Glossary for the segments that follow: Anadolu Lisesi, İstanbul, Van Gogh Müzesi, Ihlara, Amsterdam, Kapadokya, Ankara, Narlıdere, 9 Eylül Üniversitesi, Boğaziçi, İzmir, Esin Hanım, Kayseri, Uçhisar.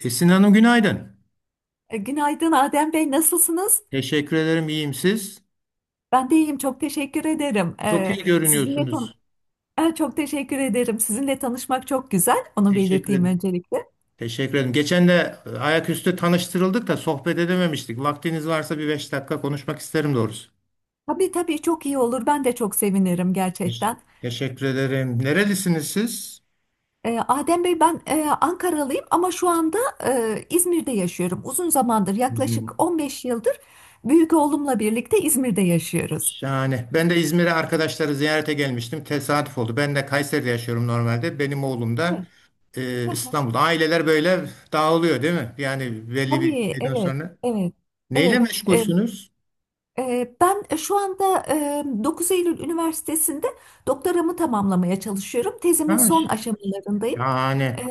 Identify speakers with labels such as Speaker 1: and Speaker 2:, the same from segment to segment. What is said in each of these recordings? Speaker 1: Esin Hanım, günaydın.
Speaker 2: Günaydın Adem Bey, nasılsınız?
Speaker 1: Teşekkür ederim. İyiyim siz?
Speaker 2: Ben de iyiyim, çok teşekkür ederim.
Speaker 1: Çok
Speaker 2: E,
Speaker 1: iyi
Speaker 2: sizinle tan
Speaker 1: görünüyorsunuz.
Speaker 2: Çok teşekkür ederim. Sizinle tanışmak çok güzel, onu
Speaker 1: Teşekkür
Speaker 2: belirteyim
Speaker 1: ederim.
Speaker 2: öncelikle.
Speaker 1: Teşekkür ederim. Geçen de ayaküstü tanıştırıldık da sohbet edememiştik. Vaktiniz varsa bir beş dakika konuşmak isterim doğrusu.
Speaker 2: Tabii tabii, çok iyi olur, ben de çok sevinirim
Speaker 1: Teş-
Speaker 2: gerçekten.
Speaker 1: Teşekkür ederim. Nerelisiniz siz?
Speaker 2: Adem Bey, ben Ankaralıyım ama şu anda İzmir'de yaşıyorum. Uzun zamandır, yaklaşık
Speaker 1: Hı.
Speaker 2: 15 yıldır büyük oğlumla birlikte İzmir'de yaşıyoruz.
Speaker 1: Şahane. Ben de İzmir'e arkadaşları ziyarete gelmiştim. Tesadüf oldu. Ben de Kayseri'de yaşıyorum normalde. Benim oğlum da
Speaker 2: Evet,
Speaker 1: İstanbul'da. Aileler böyle dağılıyor değil mi? Yani belli bir
Speaker 2: tabii,
Speaker 1: şeyden
Speaker 2: evet,
Speaker 1: sonra.
Speaker 2: evet,
Speaker 1: Neyle
Speaker 2: evet.
Speaker 1: meşgulsünüz?
Speaker 2: Ben şu anda 9 Eylül Üniversitesi'nde doktoramı tamamlamaya çalışıyorum. Tezimin
Speaker 1: Ha.
Speaker 2: son aşamalarındayım. Ee,
Speaker 1: Yani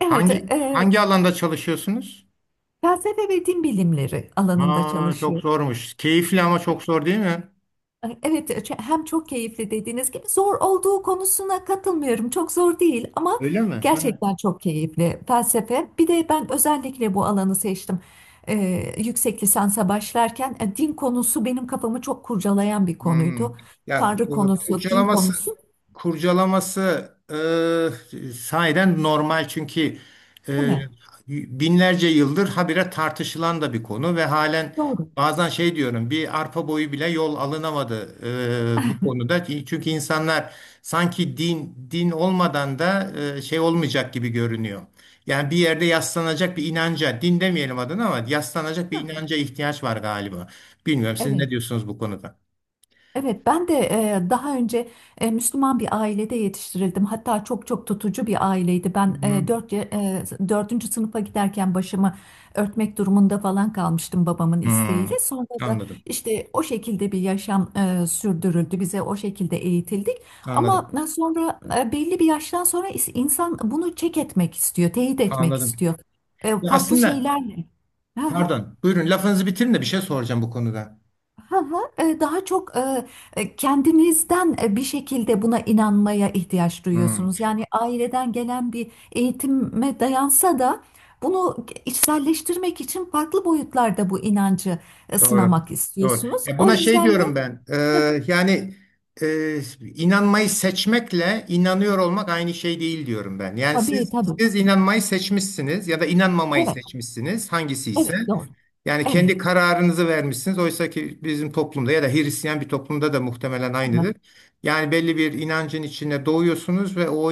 Speaker 2: Evet,
Speaker 1: hangi hangi alanda çalışıyorsunuz?
Speaker 2: felsefe ve din bilimleri alanında
Speaker 1: Aa, çok
Speaker 2: çalışıyorum.
Speaker 1: zormuş. Keyifli ama çok zor değil mi?
Speaker 2: Evet, hem çok keyifli dediğiniz gibi, zor olduğu konusuna katılmıyorum. Çok zor değil ama
Speaker 1: Öyle mi? Ha.
Speaker 2: gerçekten çok keyifli felsefe. Bir de ben özellikle bu alanı seçtim. Yüksek lisansa başlarken din konusu benim kafamı çok kurcalayan bir konuydu.
Speaker 1: Hmm. Ya
Speaker 2: Tanrı
Speaker 1: e,
Speaker 2: konusu, din
Speaker 1: kurcalaması
Speaker 2: konusu.
Speaker 1: kurcalaması sahiden normal çünkü
Speaker 2: Değil
Speaker 1: e,
Speaker 2: mi?
Speaker 1: binlerce yıldır habire tartışılan da bir konu ve halen
Speaker 2: Doğru.
Speaker 1: bazen şey diyorum, bir arpa boyu bile yol alınamadı bu konuda. Çünkü insanlar sanki din, din olmadan da şey olmayacak gibi görünüyor. Yani bir yerde yaslanacak bir inanca, din demeyelim adına ama yaslanacak bir
Speaker 2: Hı.
Speaker 1: inanca ihtiyaç var galiba. Bilmiyorum, siz ne
Speaker 2: Evet.
Speaker 1: diyorsunuz bu konuda?
Speaker 2: Evet, ben de daha önce Müslüman bir ailede yetiştirildim. Hatta çok çok tutucu bir aileydi. Ben
Speaker 1: Hmm,
Speaker 2: dördüncü sınıfa giderken başımı örtmek durumunda falan kalmıştım babamın
Speaker 1: hmm.
Speaker 2: isteğiyle. Sonra da
Speaker 1: Anladım.
Speaker 2: işte o şekilde bir yaşam sürdürüldü. Bize o şekilde eğitildik. Ama
Speaker 1: Anladım.
Speaker 2: sonra belli bir yaştan sonra insan bunu çek etmek istiyor, teyit etmek
Speaker 1: Anladım.
Speaker 2: istiyor.
Speaker 1: Ya
Speaker 2: Farklı
Speaker 1: aslında
Speaker 2: şeylerle.
Speaker 1: pardon. Buyurun lafınızı bitirin de bir şey soracağım bu konuda.
Speaker 2: Hı hı, daha çok, kendinizden bir şekilde buna inanmaya ihtiyaç
Speaker 1: Hmm,
Speaker 2: duyuyorsunuz. Yani aileden gelen bir eğitime dayansa da bunu içselleştirmek için farklı boyutlarda bu inancı
Speaker 1: doğru.
Speaker 2: sınamak
Speaker 1: Doğru.
Speaker 2: istiyorsunuz.
Speaker 1: Ya
Speaker 2: O
Speaker 1: buna şey
Speaker 2: yüzden de
Speaker 1: diyorum ben. Yani e, inanmayı seçmekle inanıyor olmak aynı şey değil diyorum ben. Yani
Speaker 2: tabii
Speaker 1: siz
Speaker 2: tabii.
Speaker 1: siz inanmayı seçmişsiniz ya da inanmamayı
Speaker 2: Evet,
Speaker 1: seçmişsiniz, hangisi ise.
Speaker 2: evet, doğru.
Speaker 1: Yani
Speaker 2: Evet.
Speaker 1: kendi kararınızı vermişsiniz. Oysa ki bizim toplumda ya da Hristiyan bir toplumda da muhtemelen
Speaker 2: Hı hı,
Speaker 1: aynıdır. Yani belli bir inancın içine doğuyorsunuz ve o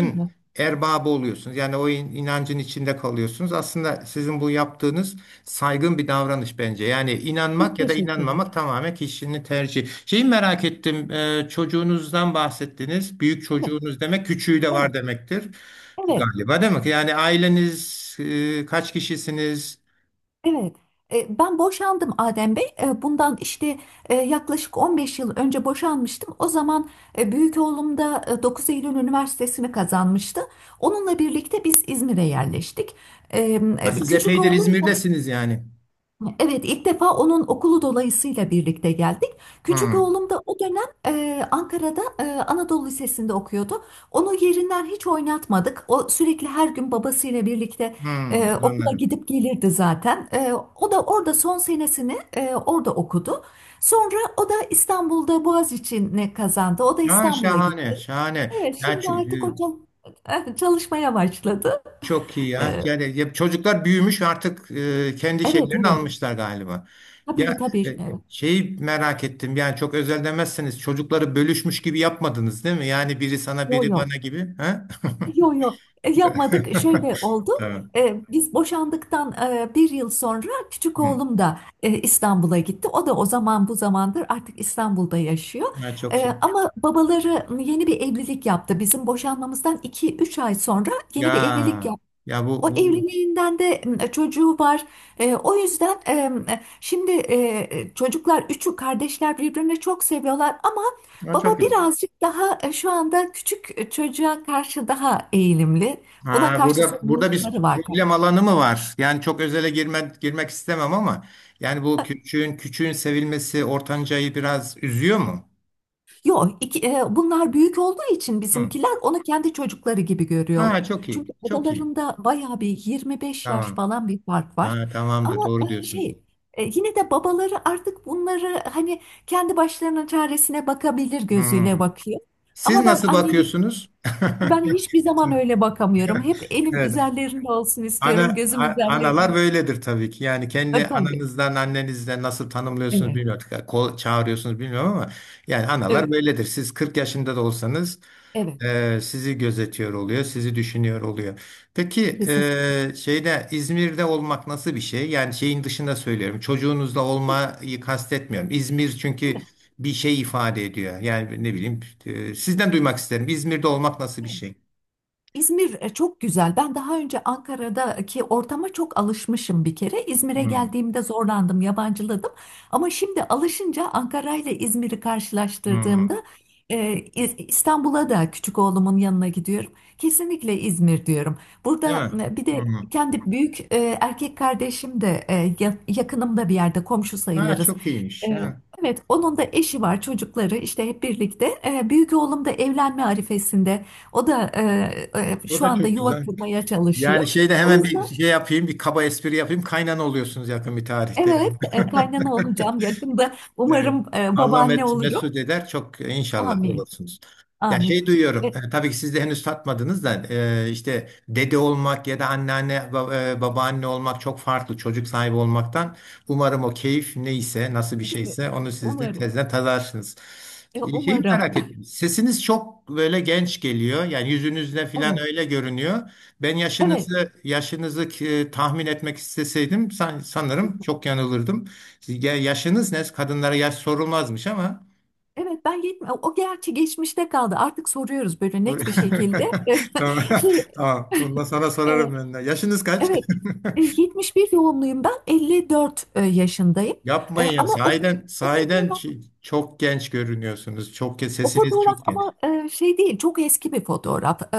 Speaker 2: hı hı.
Speaker 1: erbabı oluyorsunuz. Yani o inancın içinde kalıyorsunuz. Aslında sizin bu yaptığınız saygın bir davranış bence. Yani inanmak
Speaker 2: Çok
Speaker 1: ya da
Speaker 2: teşekkürler.
Speaker 1: inanmamak tamamen kişinin tercihi. Şeyi merak ettim. Çocuğunuzdan bahsettiniz. Büyük
Speaker 2: Evet,
Speaker 1: çocuğunuz demek, küçüğü de var
Speaker 2: evet,
Speaker 1: demektir.
Speaker 2: evet.
Speaker 1: Galiba, değil mi? Yani aileniz kaç kişisiniz?
Speaker 2: Evet, ben boşandım Adem Bey. Bundan işte yaklaşık 15 yıl önce boşanmıştım. O zaman büyük oğlum da 9 Eylül Üniversitesi'ni kazanmıştı. Onunla birlikte biz İzmir'e yerleştik. E,
Speaker 1: Ha, siz
Speaker 2: Küçük
Speaker 1: epeydir
Speaker 2: oğlum.
Speaker 1: İzmir'desiniz yani.
Speaker 2: Evet, ilk defa onun okulu dolayısıyla birlikte geldik. Küçük
Speaker 1: Hmm,
Speaker 2: oğlum da o dönem Ankara'da Anadolu Lisesi'nde okuyordu. Onu yerinden hiç oynatmadık. O sürekli her gün babasıyla birlikte
Speaker 1: hmm,
Speaker 2: okula
Speaker 1: anladım.
Speaker 2: gidip gelirdi zaten. O da orada son senesini orada okudu. Sonra o da İstanbul'da Boğaziçi'ni kazandı. O da
Speaker 1: Ha,
Speaker 2: İstanbul'a gitti.
Speaker 1: şahane, şahane.
Speaker 2: Evet,
Speaker 1: Ya,
Speaker 2: şimdi artık o çalışmaya başladı.
Speaker 1: çok iyi ya.
Speaker 2: E,
Speaker 1: Yani ya, çocuklar büyümüş artık, kendi
Speaker 2: evet,
Speaker 1: şeylerini
Speaker 2: evet.
Speaker 1: almışlar galiba. Ya
Speaker 2: Tabii, tabii.
Speaker 1: şeyi merak ettim. Yani çok özel demezseniz, çocukları bölüşmüş gibi yapmadınız, değil mi? Yani biri sana
Speaker 2: Yo
Speaker 1: biri
Speaker 2: yo.
Speaker 1: bana gibi. Ha?
Speaker 2: Yok yok. Yapmadık, şöyle oldu.
Speaker 1: Tamam.
Speaker 2: Biz boşandıktan bir yıl sonra küçük
Speaker 1: Hmm.
Speaker 2: oğlum da İstanbul'a gitti. O da o zaman bu zamandır artık İstanbul'da yaşıyor.
Speaker 1: Ya çok iyi.
Speaker 2: Ama babaları yeni bir evlilik yaptı. Bizim boşanmamızdan iki üç ay sonra
Speaker 1: Ya
Speaker 2: yeni bir evlilik,
Speaker 1: ya bu,
Speaker 2: o
Speaker 1: bu
Speaker 2: evliliğinden de çocuğu var. O yüzden şimdi, çocuklar üçü kardeşler birbirini çok seviyorlar ama
Speaker 1: ya çok
Speaker 2: baba
Speaker 1: iyi.
Speaker 2: birazcık daha şu anda küçük çocuğa karşı daha eğilimli. Ona
Speaker 1: Ha,
Speaker 2: karşı
Speaker 1: burada
Speaker 2: sorumlulukları
Speaker 1: bir
Speaker 2: var.
Speaker 1: problem alanı mı var? Yani çok özele girme, girmek istemem ama yani bu küçüğün sevilmesi ortancayı biraz üzüyor mu?
Speaker 2: Yok, bunlar büyük olduğu için
Speaker 1: Hı.
Speaker 2: bizimkiler onu kendi çocukları gibi görüyorlar.
Speaker 1: Ha, çok
Speaker 2: Çünkü
Speaker 1: iyi. Çok iyi.
Speaker 2: aralarında bayağı bir 25 yaş
Speaker 1: Tamam.
Speaker 2: falan bir fark var.
Speaker 1: Ha, tamamdır.
Speaker 2: Ama
Speaker 1: Doğru diyorsunuz.
Speaker 2: şey, yine de babaları artık bunları hani kendi başlarının çaresine bakabilir gözüyle
Speaker 1: Hı.
Speaker 2: bakıyor.
Speaker 1: Siz
Speaker 2: Ama
Speaker 1: nasıl bakıyorsunuz?
Speaker 2: ben hiçbir zaman öyle bakamıyorum. Hep elim
Speaker 1: Evet.
Speaker 2: üzerlerinde olsun istiyorum.
Speaker 1: Ana,
Speaker 2: Gözüm
Speaker 1: a- Analar
Speaker 2: üzerlerinde.
Speaker 1: böyledir tabii ki. Yani kendi
Speaker 2: Tabii.
Speaker 1: ananızdan, annenizden nasıl tanımlıyorsunuz,
Speaker 2: Evet.
Speaker 1: bilmiyorum. Kol çağırıyorsunuz bilmiyorum ama yani analar
Speaker 2: Evet.
Speaker 1: böyledir. Siz 40 yaşında da olsanız
Speaker 2: Evet.
Speaker 1: sizi gözetiyor oluyor, sizi düşünüyor oluyor. Peki
Speaker 2: Kesinlikle.
Speaker 1: şeyde, İzmir'de olmak nasıl bir şey? Yani şeyin dışında söylüyorum. Çocuğunuzla olmayı kastetmiyorum. İzmir çünkü
Speaker 2: Evet.
Speaker 1: bir şey ifade ediyor. Yani ne bileyim, sizden duymak isterim. İzmir'de olmak nasıl bir
Speaker 2: Evet.
Speaker 1: şey?
Speaker 2: İzmir çok güzel. Ben daha önce Ankara'daki ortama çok alışmışım bir kere. İzmir'e
Speaker 1: Hmm,
Speaker 2: geldiğimde zorlandım, yabancıladım. Ama şimdi alışınca Ankara ile İzmir'i
Speaker 1: hmm.
Speaker 2: karşılaştırdığımda, İstanbul'a da küçük oğlumun yanına gidiyorum. Kesinlikle İzmir diyorum.
Speaker 1: Değil
Speaker 2: Burada
Speaker 1: mi?
Speaker 2: bir de
Speaker 1: Hmm.
Speaker 2: kendi büyük erkek kardeşim de, yakınımda bir yerde komşu
Speaker 1: Ha,
Speaker 2: sayılırız.
Speaker 1: çok
Speaker 2: E,
Speaker 1: iyiymiş. Ha.
Speaker 2: Evet, onun da eşi var, çocukları, işte hep birlikte. Büyük oğlum da evlenme arifesinde. O da
Speaker 1: O
Speaker 2: şu
Speaker 1: da
Speaker 2: anda
Speaker 1: çok
Speaker 2: yuva
Speaker 1: güzel.
Speaker 2: kurmaya
Speaker 1: Yani
Speaker 2: çalışıyor.
Speaker 1: şeyde
Speaker 2: O
Speaker 1: hemen bir
Speaker 2: yüzden
Speaker 1: şey yapayım, bir kaba espri yapayım. Kaynana oluyorsunuz yakın bir tarihte.
Speaker 2: evet, kaynana olacağım yakında.
Speaker 1: Evet.
Speaker 2: Umarım
Speaker 1: Allah
Speaker 2: babaanne
Speaker 1: met
Speaker 2: olurum.
Speaker 1: mesut eder çok, inşallah
Speaker 2: Amin.
Speaker 1: olursunuz. Ya
Speaker 2: Amin.
Speaker 1: şey duyuyorum,
Speaker 2: E,
Speaker 1: tabii ki siz de henüz tatmadınız da işte dede olmak ya da anneanne babaanne olmak çok farklı çocuk sahibi olmaktan. Umarım o keyif neyse, nasıl bir
Speaker 2: Değil mi?
Speaker 1: şeyse, onu siz de
Speaker 2: Umarım.
Speaker 1: tezden tadarsınız. Şeyi
Speaker 2: Umarım.
Speaker 1: merak ettim. Sesiniz çok böyle genç geliyor. Yani yüzünüzde falan
Speaker 2: Evet.
Speaker 1: öyle görünüyor. Ben
Speaker 2: Evet.
Speaker 1: yaşınızı tahmin etmek isteseydim, sanırım çok yanılırdım. Siz yaşınız ne? Kadınlara yaş sorulmazmış ama.
Speaker 2: Evet, ben gitme. O gerçi geçmişte kaldı. Artık soruyoruz böyle
Speaker 1: Sor-
Speaker 2: net bir şekilde.
Speaker 1: Tamam.
Speaker 2: Şey,
Speaker 1: Tamam. Bundan sonra
Speaker 2: e,
Speaker 1: sorarım ben de. Yaşınız kaç?
Speaker 2: evet. 71 doğumluyum ben. 54 yaşındayım.
Speaker 1: Yapmayın ya.
Speaker 2: Ama
Speaker 1: Sahiden,
Speaker 2: o
Speaker 1: sahiden çok genç görünüyorsunuz.
Speaker 2: O
Speaker 1: Sesiniz
Speaker 2: fotoğraf
Speaker 1: çok
Speaker 2: ama,
Speaker 1: genç.
Speaker 2: şey değil, çok eski bir fotoğraf. E,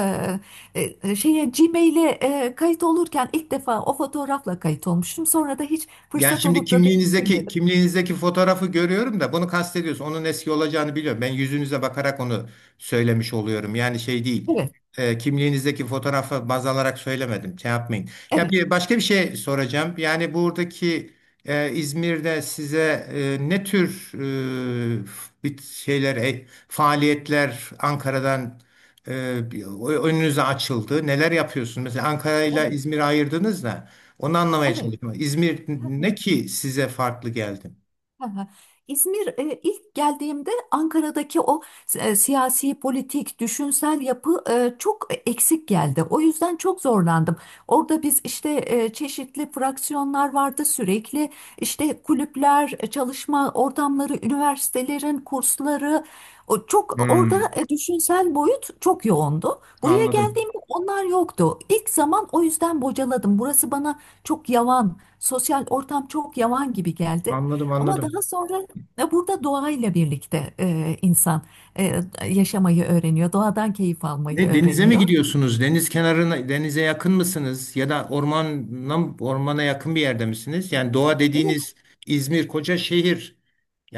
Speaker 2: e, e, Şeye, Gmail'e kayıt olurken ilk defa o fotoğrafla kayıt olmuştum. Sonra da hiç
Speaker 1: Yani
Speaker 2: fırsat
Speaker 1: şimdi
Speaker 2: olup da
Speaker 1: kimliğinizdeki
Speaker 2: değiştirmedim.
Speaker 1: kimliğinizdeki fotoğrafı görüyorum da bunu kastediyorsun. Onun eski olacağını biliyorum. Ben yüzünüze bakarak onu söylemiş oluyorum. Yani şey değil.
Speaker 2: Evet,
Speaker 1: Kimliğinizdeki fotoğrafı baz alarak söylemedim. Şey yapmayın. Ya
Speaker 2: evet,
Speaker 1: bir başka bir şey soracağım. Yani buradaki İzmir'de size ne tür bir şeyler, faaliyetler Ankara'dan e, bir- önünüze açıldı? Neler yapıyorsunuz? Mesela Ankara ile
Speaker 2: evet,
Speaker 1: İzmir'i ayırdınız da. Onu anlamaya çalışıyorum. İzmir ne
Speaker 2: evet.
Speaker 1: ki size farklı geldi?
Speaker 2: Aha. İzmir ilk geldiğimde Ankara'daki o siyasi, politik, düşünsel yapı çok eksik geldi. O yüzden çok zorlandım. Orada biz işte çeşitli fraksiyonlar vardı sürekli. İşte kulüpler, çalışma ortamları, üniversitelerin kursları. O çok orada,
Speaker 1: Hmm,
Speaker 2: düşünsel boyut çok yoğundu. Buraya
Speaker 1: anladım.
Speaker 2: geldiğimde onlar yoktu. İlk zaman o yüzden bocaladım. Burası bana çok yavan, sosyal ortam çok yavan gibi geldi.
Speaker 1: Anladım,
Speaker 2: Ama daha
Speaker 1: anladım.
Speaker 2: sonra burada doğayla birlikte insan e, yaşamayı öğreniyor, doğadan keyif almayı
Speaker 1: Ne, denize mi
Speaker 2: öğreniyor.
Speaker 1: gidiyorsunuz? Deniz kenarına, denize yakın mısınız? Ya da ormana, yakın bir yerde misiniz? Yani doğa
Speaker 2: Evet,
Speaker 1: dediğiniz, İzmir koca şehir.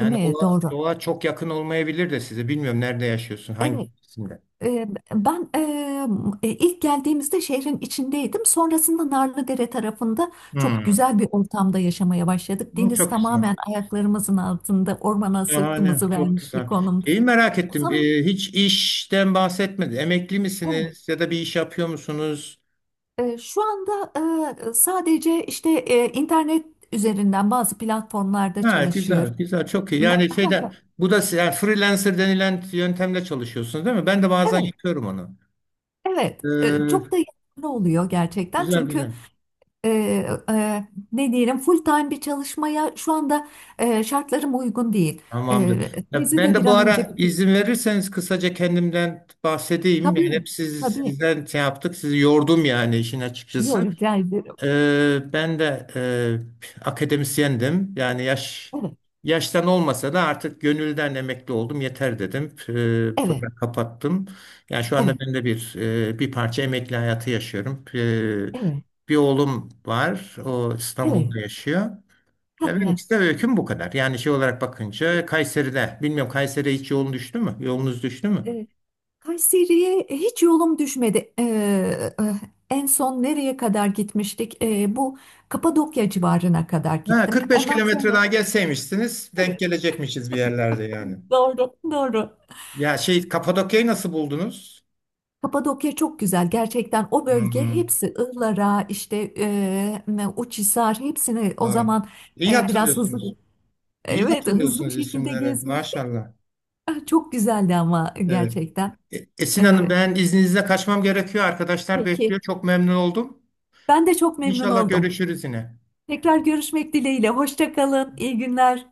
Speaker 2: değil mi?
Speaker 1: o
Speaker 2: Doğru.
Speaker 1: doğa çok yakın olmayabilir de size. Bilmiyorum nerede yaşıyorsun, hangi
Speaker 2: Evet.
Speaker 1: hangisinde?
Speaker 2: E, Ben ilk geldiğimizde şehrin içindeydim. Sonrasında Narlıdere tarafında çok
Speaker 1: Hmm.
Speaker 2: güzel bir ortamda yaşamaya başladık.
Speaker 1: Hmm,
Speaker 2: Deniz
Speaker 1: çok güzel.
Speaker 2: tamamen ayaklarımızın altında, ormana
Speaker 1: Şahane,
Speaker 2: sırtımızı
Speaker 1: çok
Speaker 2: vermiş bir
Speaker 1: güzel.
Speaker 2: konumda.
Speaker 1: Şeyi merak
Speaker 2: O
Speaker 1: ettim.
Speaker 2: zaman
Speaker 1: Hiç işten bahsetmedi. Emekli
Speaker 2: evet.
Speaker 1: misiniz ya da bir iş yapıyor musunuz?
Speaker 2: Şu anda sadece işte internet üzerinden bazı platformlarda
Speaker 1: Ha, güzel,
Speaker 2: çalışıyorum.
Speaker 1: güzel, çok iyi. Yani
Speaker 2: Ha, ha.
Speaker 1: şeyden, bu da yani freelancer denilen yöntemle çalışıyorsunuz, değil mi? Ben de bazen
Speaker 2: Evet,
Speaker 1: yapıyorum onu.
Speaker 2: evet. Çok
Speaker 1: Ee,
Speaker 2: da yararlı oluyor gerçekten.
Speaker 1: güzel,
Speaker 2: Çünkü
Speaker 1: güzel.
Speaker 2: e, ne diyelim, full time bir çalışmaya şu anda şartlarım uygun değil.
Speaker 1: Tamamdır. Ya
Speaker 2: Bizi
Speaker 1: ben
Speaker 2: de bir
Speaker 1: de bu
Speaker 2: an önce
Speaker 1: ara
Speaker 2: bitir.
Speaker 1: izin verirseniz kısaca kendimden bahsedeyim. Yani hep
Speaker 2: Tabii,
Speaker 1: siz,
Speaker 2: tabii.
Speaker 1: sizden şey yaptık, sizi yordum yani işin açıkçası.
Speaker 2: Yok, rica ederim.
Speaker 1: Ben de akademisyendim. Yani
Speaker 2: Evet,
Speaker 1: yaştan olmasa da artık gönülden emekli oldum. Yeter dedim.
Speaker 2: evet,
Speaker 1: Programı kapattım. Yani şu
Speaker 2: evet,
Speaker 1: anda ben de bir bir parça emekli hayatı yaşıyorum.
Speaker 2: evet,
Speaker 1: Bir oğlum var. O
Speaker 2: evet.
Speaker 1: İstanbul'da yaşıyor.
Speaker 2: Ha,
Speaker 1: Ya benim
Speaker 2: ha.
Speaker 1: işte öyküm bu kadar. Yani şey olarak
Speaker 2: Evet.
Speaker 1: bakınca Kayseri'de. Bilmiyorum Kayseri'ye hiç yolun düştü mü? Yolunuz düştü mü?
Speaker 2: Kayseri'ye hiç yolum düşmedi. En son nereye kadar gitmiştik? Bu Kapadokya civarına kadar
Speaker 1: Ha,
Speaker 2: gittim.
Speaker 1: 45
Speaker 2: Ondan
Speaker 1: kilometre
Speaker 2: sonra
Speaker 1: daha gelseymişsiniz denk
Speaker 2: evet,
Speaker 1: gelecekmişiz bir yerlerde yani.
Speaker 2: doğru, doğru.
Speaker 1: Ya şey, Kapadokya'yı nasıl buldunuz?
Speaker 2: Kapadokya çok güzel gerçekten. O bölge
Speaker 1: Hı-hı.
Speaker 2: hepsi, Ihlara işte, Uçhisar, hepsini o
Speaker 1: Doğru.
Speaker 2: zaman
Speaker 1: İyi
Speaker 2: biraz hızlı,
Speaker 1: hatırlıyorsunuz. İyi
Speaker 2: evet, hızlı bir
Speaker 1: hatırlıyorsunuz
Speaker 2: şekilde
Speaker 1: isimleri.
Speaker 2: gezmiştik.
Speaker 1: Maşallah.
Speaker 2: Ah, çok güzeldi ama
Speaker 1: Evet.
Speaker 2: gerçekten.
Speaker 1: Esin Hanım,
Speaker 2: Ee,
Speaker 1: ben izninizle kaçmam gerekiyor. Arkadaşlar bekliyor.
Speaker 2: peki,
Speaker 1: Çok memnun oldum.
Speaker 2: ben de çok memnun
Speaker 1: İnşallah
Speaker 2: oldum.
Speaker 1: görüşürüz yine.
Speaker 2: Tekrar görüşmek dileğiyle. Hoşça kalın. İyi günler.